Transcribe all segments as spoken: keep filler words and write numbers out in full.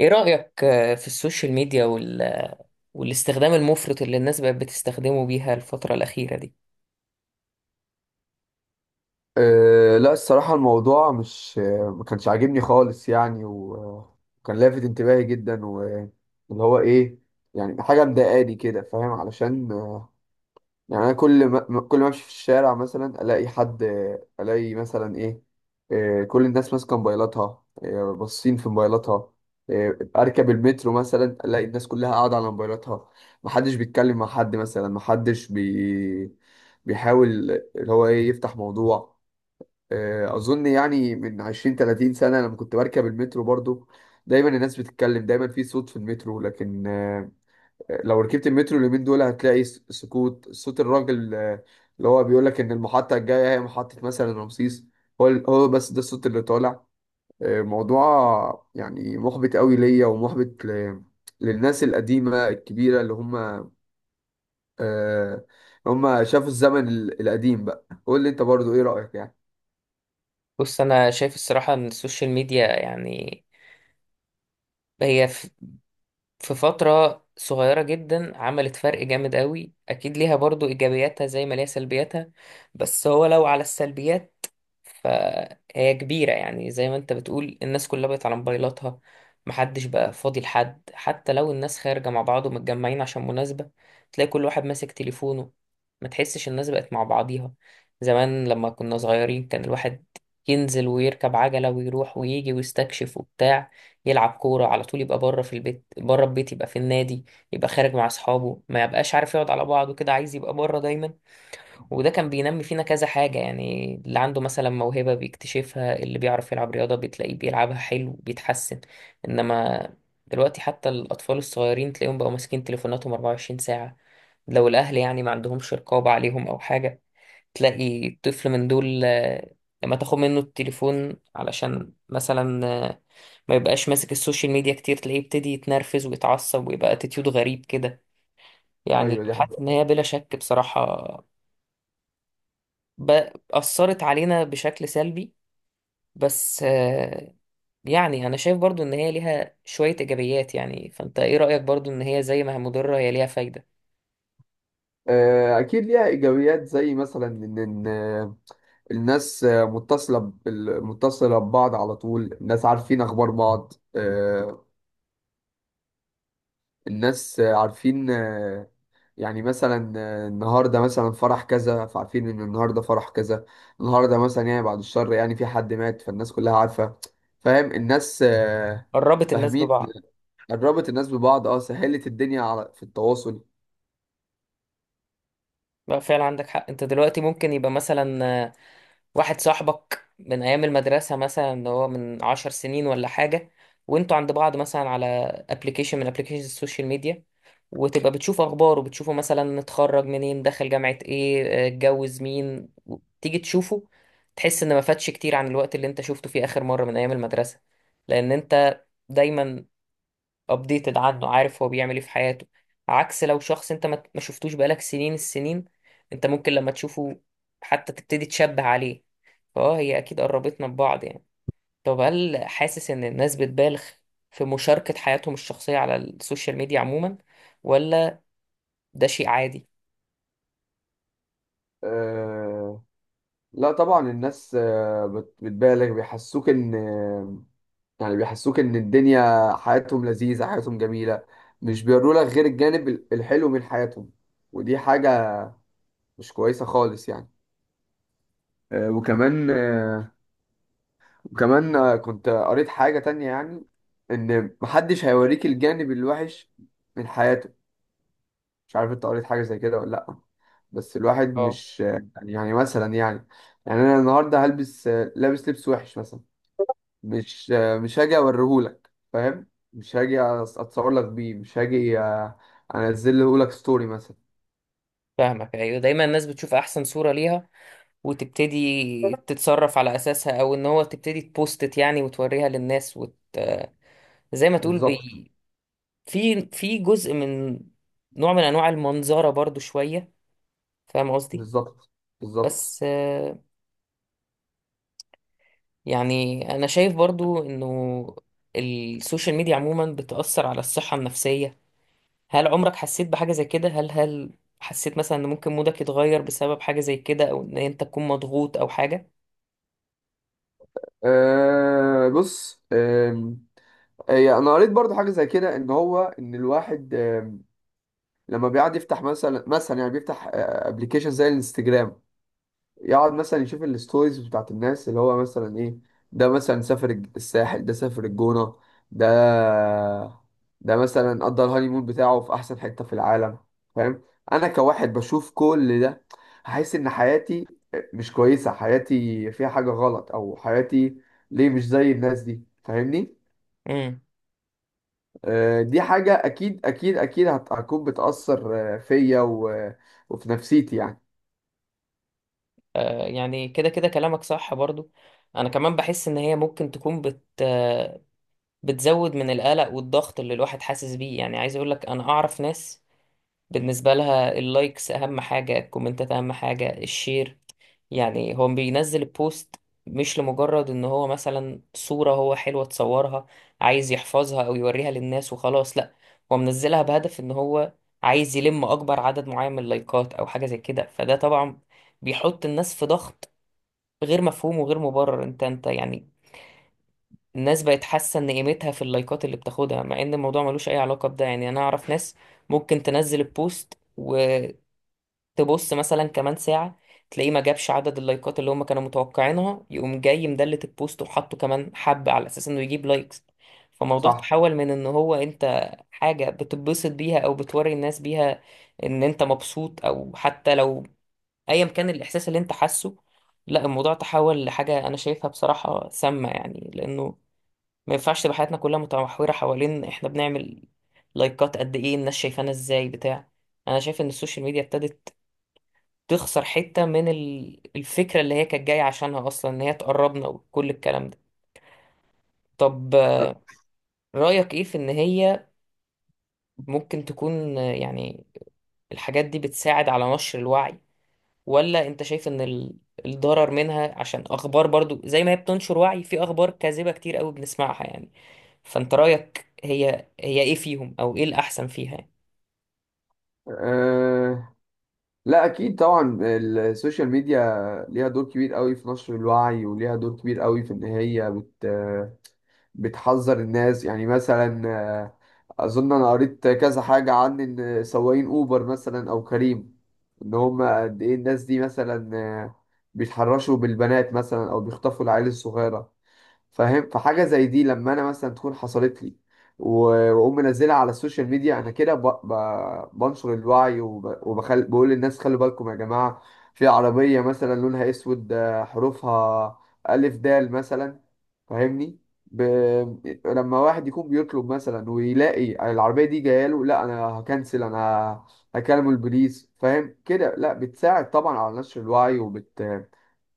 ايه رأيك آه، في السوشيال ميديا وال... والاستخدام المفرط اللي الناس بقت بتستخدمه بيها الفترة الأخيرة دي؟ أه لا، الصراحة الموضوع مش آه، ما كانش عاجبني خالص يعني و- وكان لافت انتباهي جدا، واللي هو ايه؟ يعني حاجة مضايقاني كده، فاهم؟ علشان آه، يعني انا كل ما ما- كل ما امشي في الشارع مثلا الاقي حد، آه، الاقي مثلا ايه؟ آه، كل الناس ماسكة موبايلاتها، آه، باصين في موبايلاتها. آه، اركب المترو مثلا الاقي الناس كلها قاعدة على موبايلاتها، محدش بيتكلم مع حد. مثلا محدش بي بيحاول اللي هو ايه، يفتح موضوع. آه، اظن يعني من عشرين تلاتين سنه، لما كنت بركب المترو برضو دايما الناس بتتكلم، دايما في صوت في المترو. لكن آه، آه، لو ركبت المترو اليومين دول هتلاقي س- سكوت. صوت الراجل آه، اللي هو بيقول لك ان المحطه الجايه هي محطه مثلا رمسيس، هو ال- هو بس ده الصوت اللي طالع. آه، موضوع يعني محبط قوي ليا، ومحبط ل- للناس القديمه الكبيره، اللي هم آه، هم شافوا الزمن ال- القديم. بقى قول لي انت برضو، ايه رايك يعني؟ بص، أنا شايف الصراحة إن السوشيال ميديا يعني هي في فترة صغيرة جدا عملت فرق جامد قوي. أكيد ليها برضو إيجابياتها زي ما ليها سلبياتها، بس هو لو على السلبيات فهي كبيرة. يعني زي ما أنت بتقول الناس كلها بقت على موبايلاتها، محدش بقى فاضي لحد. حتى لو الناس خارجة مع بعض ومتجمعين عشان مناسبة تلاقي كل واحد ماسك تليفونه، ما تحسش الناس بقت مع بعضيها. زمان لما كنا صغيرين كان الواحد ينزل ويركب عجلة ويروح ويجي ويستكشف وبتاع، يلعب كورة على طول، يبقى بره في البيت بره البيت، يبقى في النادي، يبقى خارج مع أصحابه، ما يبقاش عارف يقعد على بعضه كده، عايز يبقى بره دايما. وده كان بينمي فينا كذا حاجة، يعني اللي عنده مثلا موهبة بيكتشفها، اللي بيعرف يلعب رياضة بتلاقيه بيلعبها حلو بيتحسن. إنما دلوقتي حتى الأطفال الصغيرين تلاقيهم بقوا ماسكين تليفوناتهم 24 ساعة. لو الأهل يعني ما عندهمش رقابة عليهم أو حاجة، تلاقي طفل من دول آه، لما تاخد منه التليفون علشان مثلا آه، ما يبقاش ماسك السوشيال ميديا كتير تلاقيه يبتدي يتنرفز ويتعصب ويبقى اتيتيود غريب كده. يعني ايوه دي. حاسس ان هي بلا شك بصراحة ب- أثرت علينا بشكل سلبي. بس آه، يعني أنا شايف برضو إن هي ليها شوية إيجابيات. يعني فأنت إيه رأيك برضو إن هي زي ما هي مضرة هي ليها فايدة؟ آه، أكيد ليها إيجابيات، زي مثلا إن إن، آه، الناس آه، متصلة بال- متصلة ببعض على طول، الناس عارفين أخبار بعض. آه، الناس آه، عارفين. آه، يعني مثلا آه، النهاردة مثلا فرح كذا، فعارفين إن النهاردة فرح كذا. النهاردة مثلا يعني بعد الشر يعني في حد مات، فالناس كلها عارفة. فاهم؟ الناس آه، قربت الناس فاهمين. ببعض. قربت الناس ببعض، اه سهلت الدنيا على في التواصل. لا فعلا عندك حق، أنت دلوقتي ممكن يبقى مثلا واحد صاحبك من أيام المدرسة مثلا اللي هو من عشر سنين ولا حاجة، وانتوا عند بعض مثلا على ابلكيشن من ابلكيشن السوشيال ميديا. وتبقى بتشوف أخباره، بتشوفه مثلا اتخرج منين، دخل جامعة ايه، اه، اتجوز مين، و- تيجي تشوفه. تحس إن ما فاتش كتير عن الوقت اللي انت شفته فيه آخر مرة من أيام المدرسة، لأن انت دايما updated عنه، عارف هو بيعمل ايه في حياته. عكس لو شخص انت ما ما شفتوش بقالك سنين السنين، انت ممكن لما تشوفه حتى تبتدي تشبه عليه. فاه هي اكيد قربتنا ببعض يعني. طب هل حاسس ان الناس بتبالغ في مشاركة حياتهم الشخصية على السوشيال ميديا عموما، ولا ده شيء عادي؟ آه، لا طبعا الناس آه، بت- بتبالغ. بيحسوك ان يعني بيحسوك ان الدنيا حياتهم لذيذة، حياتهم جميلة، مش بيوروا لك غير الجانب ال- الحلو من حياتهم. ودي حاجة مش كويسة خالص يعني. آه، وكمان آه، وكمان آه، كنت قريت حاجة تانية يعني، ان محدش هيوريك الجانب الوحش من حياته. مش عارف انت قريت حاجة زي كده ولا لأ؟ بس الواحد اه، مش آه، يعني يعني مثلا يعني يعني انا النهارده هلبس آه، لابس لبس وحش مثلا، مش مش هاجي اوريهولك، فاهم؟ مش هاجي أص- اتصور لك بيه، مش هاجي أ- انزله لك ستوري مثلا. فاهمك، ايوه دايما الناس بتشوف احسن صورة ليها. وتبتدي تتصرف على اساسها او ان هو تبتدي تبوستت يعني وتوريها للناس وت... زي ما تقول بالظبط. بي... في في جزء من نوع من انواع المنظرة برضو شوية، فاهم قصدي؟ بالظبط. بالظبط. بس يعني انا شايف برضو انه السوشيال ميديا عموما بتأثر على الصحة النفسية. هل عمرك حسيت بحاجة زي كده؟ هل هل حسيت مثلا ان ممكن مودك يتغير بسبب حاجة زي كده او ان انت تكون مضغوط او حاجة؟ أه بص، آم، هي انا قريت برضو حاجه زي كده، ان هو ان الواحد آم، لما بيقعد يفتح مثلا مثلا يعني بيفتح ابلكيشن زي الانستجرام، يقعد مثلا يشوف الستوريز بتاعت الناس، اللي هو مثلا ايه؟ ده مثلا سافر الج- الساحل، ده سافر الجونة، ده ده مثلا قضى الهانيمون بتاعه في احسن حتة في العالم. فاهم؟ انا كواحد بشوف كل ده، هحس ان حياتي مش كويسة، حياتي فيها حاجة غلط، او حياتي ليه مش زي الناس دي؟ فاهمني؟ امم آه، دي حاجة اكيد اكيد اكيد هت- هتكون بتأثر آه، فيا و- وفي نفسيتي يعني. آه يعني كده كده كلامك صح برضو. انا كمان بحس ان هي ممكن تكون بت آه بتزود من القلق والضغط اللي الواحد حاسس بيه. يعني عايز اقولك انا اعرف ناس، بالنسبة لها اللايكس اهم حاجة، الكومنتات اهم حاجة، الشير. يعني هو بينزل البوست مش لمجرد ان هو مثلا صورة هو حلوة تصورها عايز يحفظها او يوريها للناس وخلاص. لا، هو منزلها بهدف ان هو عايز يلم اكبر عدد معين من اللايكات او حاجة زي كده. فده طبعا بيحط الناس في ضغط غير مفهوم وغير مبرر، انت انت يعني. الناس بقت حاسة ان قيمتها في اللايكات اللي بتاخدها، مع ان الموضوع ملوش اي علاقة بده، يعني انا اعرف ناس ممكن تنزل البوست تبص مثلا كمان ساعة تلاقيه ما جابش عدد اللايكات اللي هم كانوا متوقعينها، يقوم جاي مدلت البوست وحطه كمان حبة على أساس إنه يجيب لايكس. فالموضوع صح؟ تحول من إن هو أنت حاجة بتتبسط بيها أو بتوري الناس بيها، إن أنت مبسوط، أو حتى لو أيا كان الإحساس اللي أنت حاسه. لا، الموضوع تحول لحاجة أنا شايفها بصراحة سامة، يعني لأنه ما ينفعش تبقى حياتنا كلها متمحورة حوالين إحنا بنعمل لايكات قد إيه، الناس شايفانا إزاي، بتاع. أنا شايف إن السوشيال ميديا ابتدت تخسر حتة من ال- الفكرة اللي هي كانت جاية عشانها أصلا، إن هي تقربنا وكل الكلام ده. طب آه، رأيك إيه في إن هي ممكن تكون آه، يعني الحاجات دي بتساعد على نشر الوعي؟ ولا أنت شايف إن ال- الضرر منها عشان أخبار؟ برضو زي ما هي بتنشر وعي في أخبار كاذبة كتير قوي بنسمعها يعني. فأنت رأيك هي هي إيه فيهم أو إيه الأحسن فيها يعني؟ أه لا اكيد طبعا السوشيال ميديا ليها دور كبير قوي في نشر الوعي، وليها دور كبير قوي في ان هي بت بتحذر الناس. يعني مثلا آه، اظن انا قريت كذا حاجة عن ان سواقين اوبر مثلا او كريم، ان هم قد ايه الناس دي مثلا آه، بيتحرشوا بالبنات مثلا او بيخطفوا العيال الصغيرة. فاهم؟ فحاجه زي دي لما انا مثلا تكون حصلت لي و- واقوم منزلها على السوشيال ميديا، انا كده ب... ب... بنشر الوعي، وب... وبخل... بقول للناس خلوا بالكم يا جماعه، في عربيه مثلا لونها اسود، آه، حروفها الف دال مثلا، فاهمني؟ ب... لما واحد يكون بيطلب مثلا ويلاقي العربيه دي جايه له، لا انا هكنسل، انا هكلم البوليس. فاهم كده؟ لا، بتساعد طبعا على نشر الوعي، وبت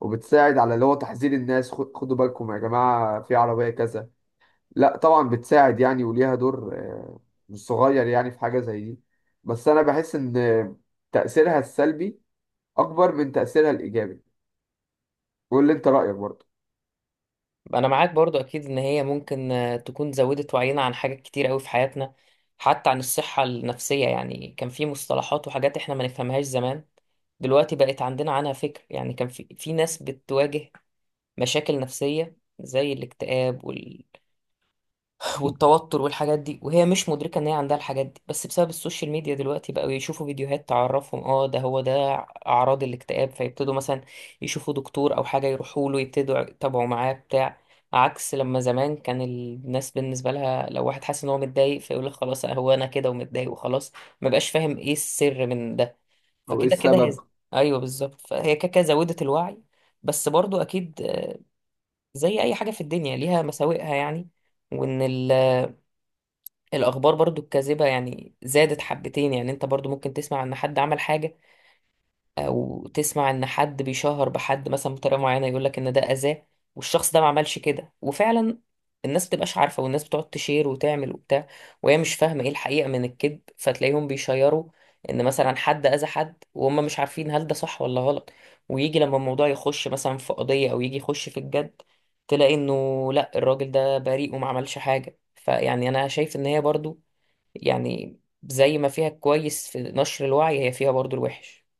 وبتساعد على اللي هو تحذير الناس. خد- خدوا بالكم يا جماعة، في عربية كذا. لا طبعا بتساعد يعني، وليها دور آه، مش صغير يعني في حاجة زي دي. بس أنا بحس إن تأثيرها السلبي أكبر من تأثيرها الإيجابي. قول لي أنت رأيك برضه، انا معاك برضو اكيد ان هي ممكن آه، تكون زودت وعينا عن حاجات كتير قوي في حياتنا، حتى عن الصحة النفسية. يعني كان في مصطلحات وحاجات احنا ما نفهمهاش زمان، دلوقتي بقت عندنا عنها فكر. يعني كان في في ناس بتواجه مشاكل نفسية زي الاكتئاب والتوتر والحاجات دي وهي مش مدركة ان هي عندها الحاجات دي، بس بسبب السوشيال ميديا دلوقتي بقوا يشوفوا فيديوهات تعرفهم، اه ده هو ده اعراض الاكتئاب، فيبتدوا مثلا يشوفوا دكتور او حاجة يروحوا له يبتدوا يتابعوا معاه بتاع. عكس لما زمان كان الناس بالنسبة لها لو واحد حاسس ان هو متضايق فيقول لك خلاص، هو انا كده ومتضايق وخلاص، ما بقاش فاهم ايه السر من ده. أو إيه فكده كده هي، السبب؟ ايوه بالظبط، فهي كده كده زودت الوعي. بس برضو اكيد آه، زي اي حاجة في الدنيا ليها مساوئها يعني. وان الاخبار برضو الكاذبه يعني زادت حبتين، يعني انت برضو ممكن تسمع ان حد عمل حاجه، او تسمع ان حد بيشهر بحد مثلا بطريقه معينه، يقول لك ان ده اذاه والشخص ده ما عملش كده. وفعلا الناس بتبقاش عارفه، والناس بتقعد تشير وتعمل وبتاع، وهي مش فاهمه ايه الحقيقه من الكذب. فتلاقيهم بيشيروا ان مثلا حد اذى حد وهم مش عارفين هل ده صح ولا غلط. ويجي لما الموضوع يخش مثلا في قضيه او يجي يخش في الجد، تلاقي انه لا الراجل ده بريء وما عملش حاجه. فيعني انا شايف ان هي برضو، يعني زي ما فيها الكويس في نشر الوعي هي فيها برضو الوحش.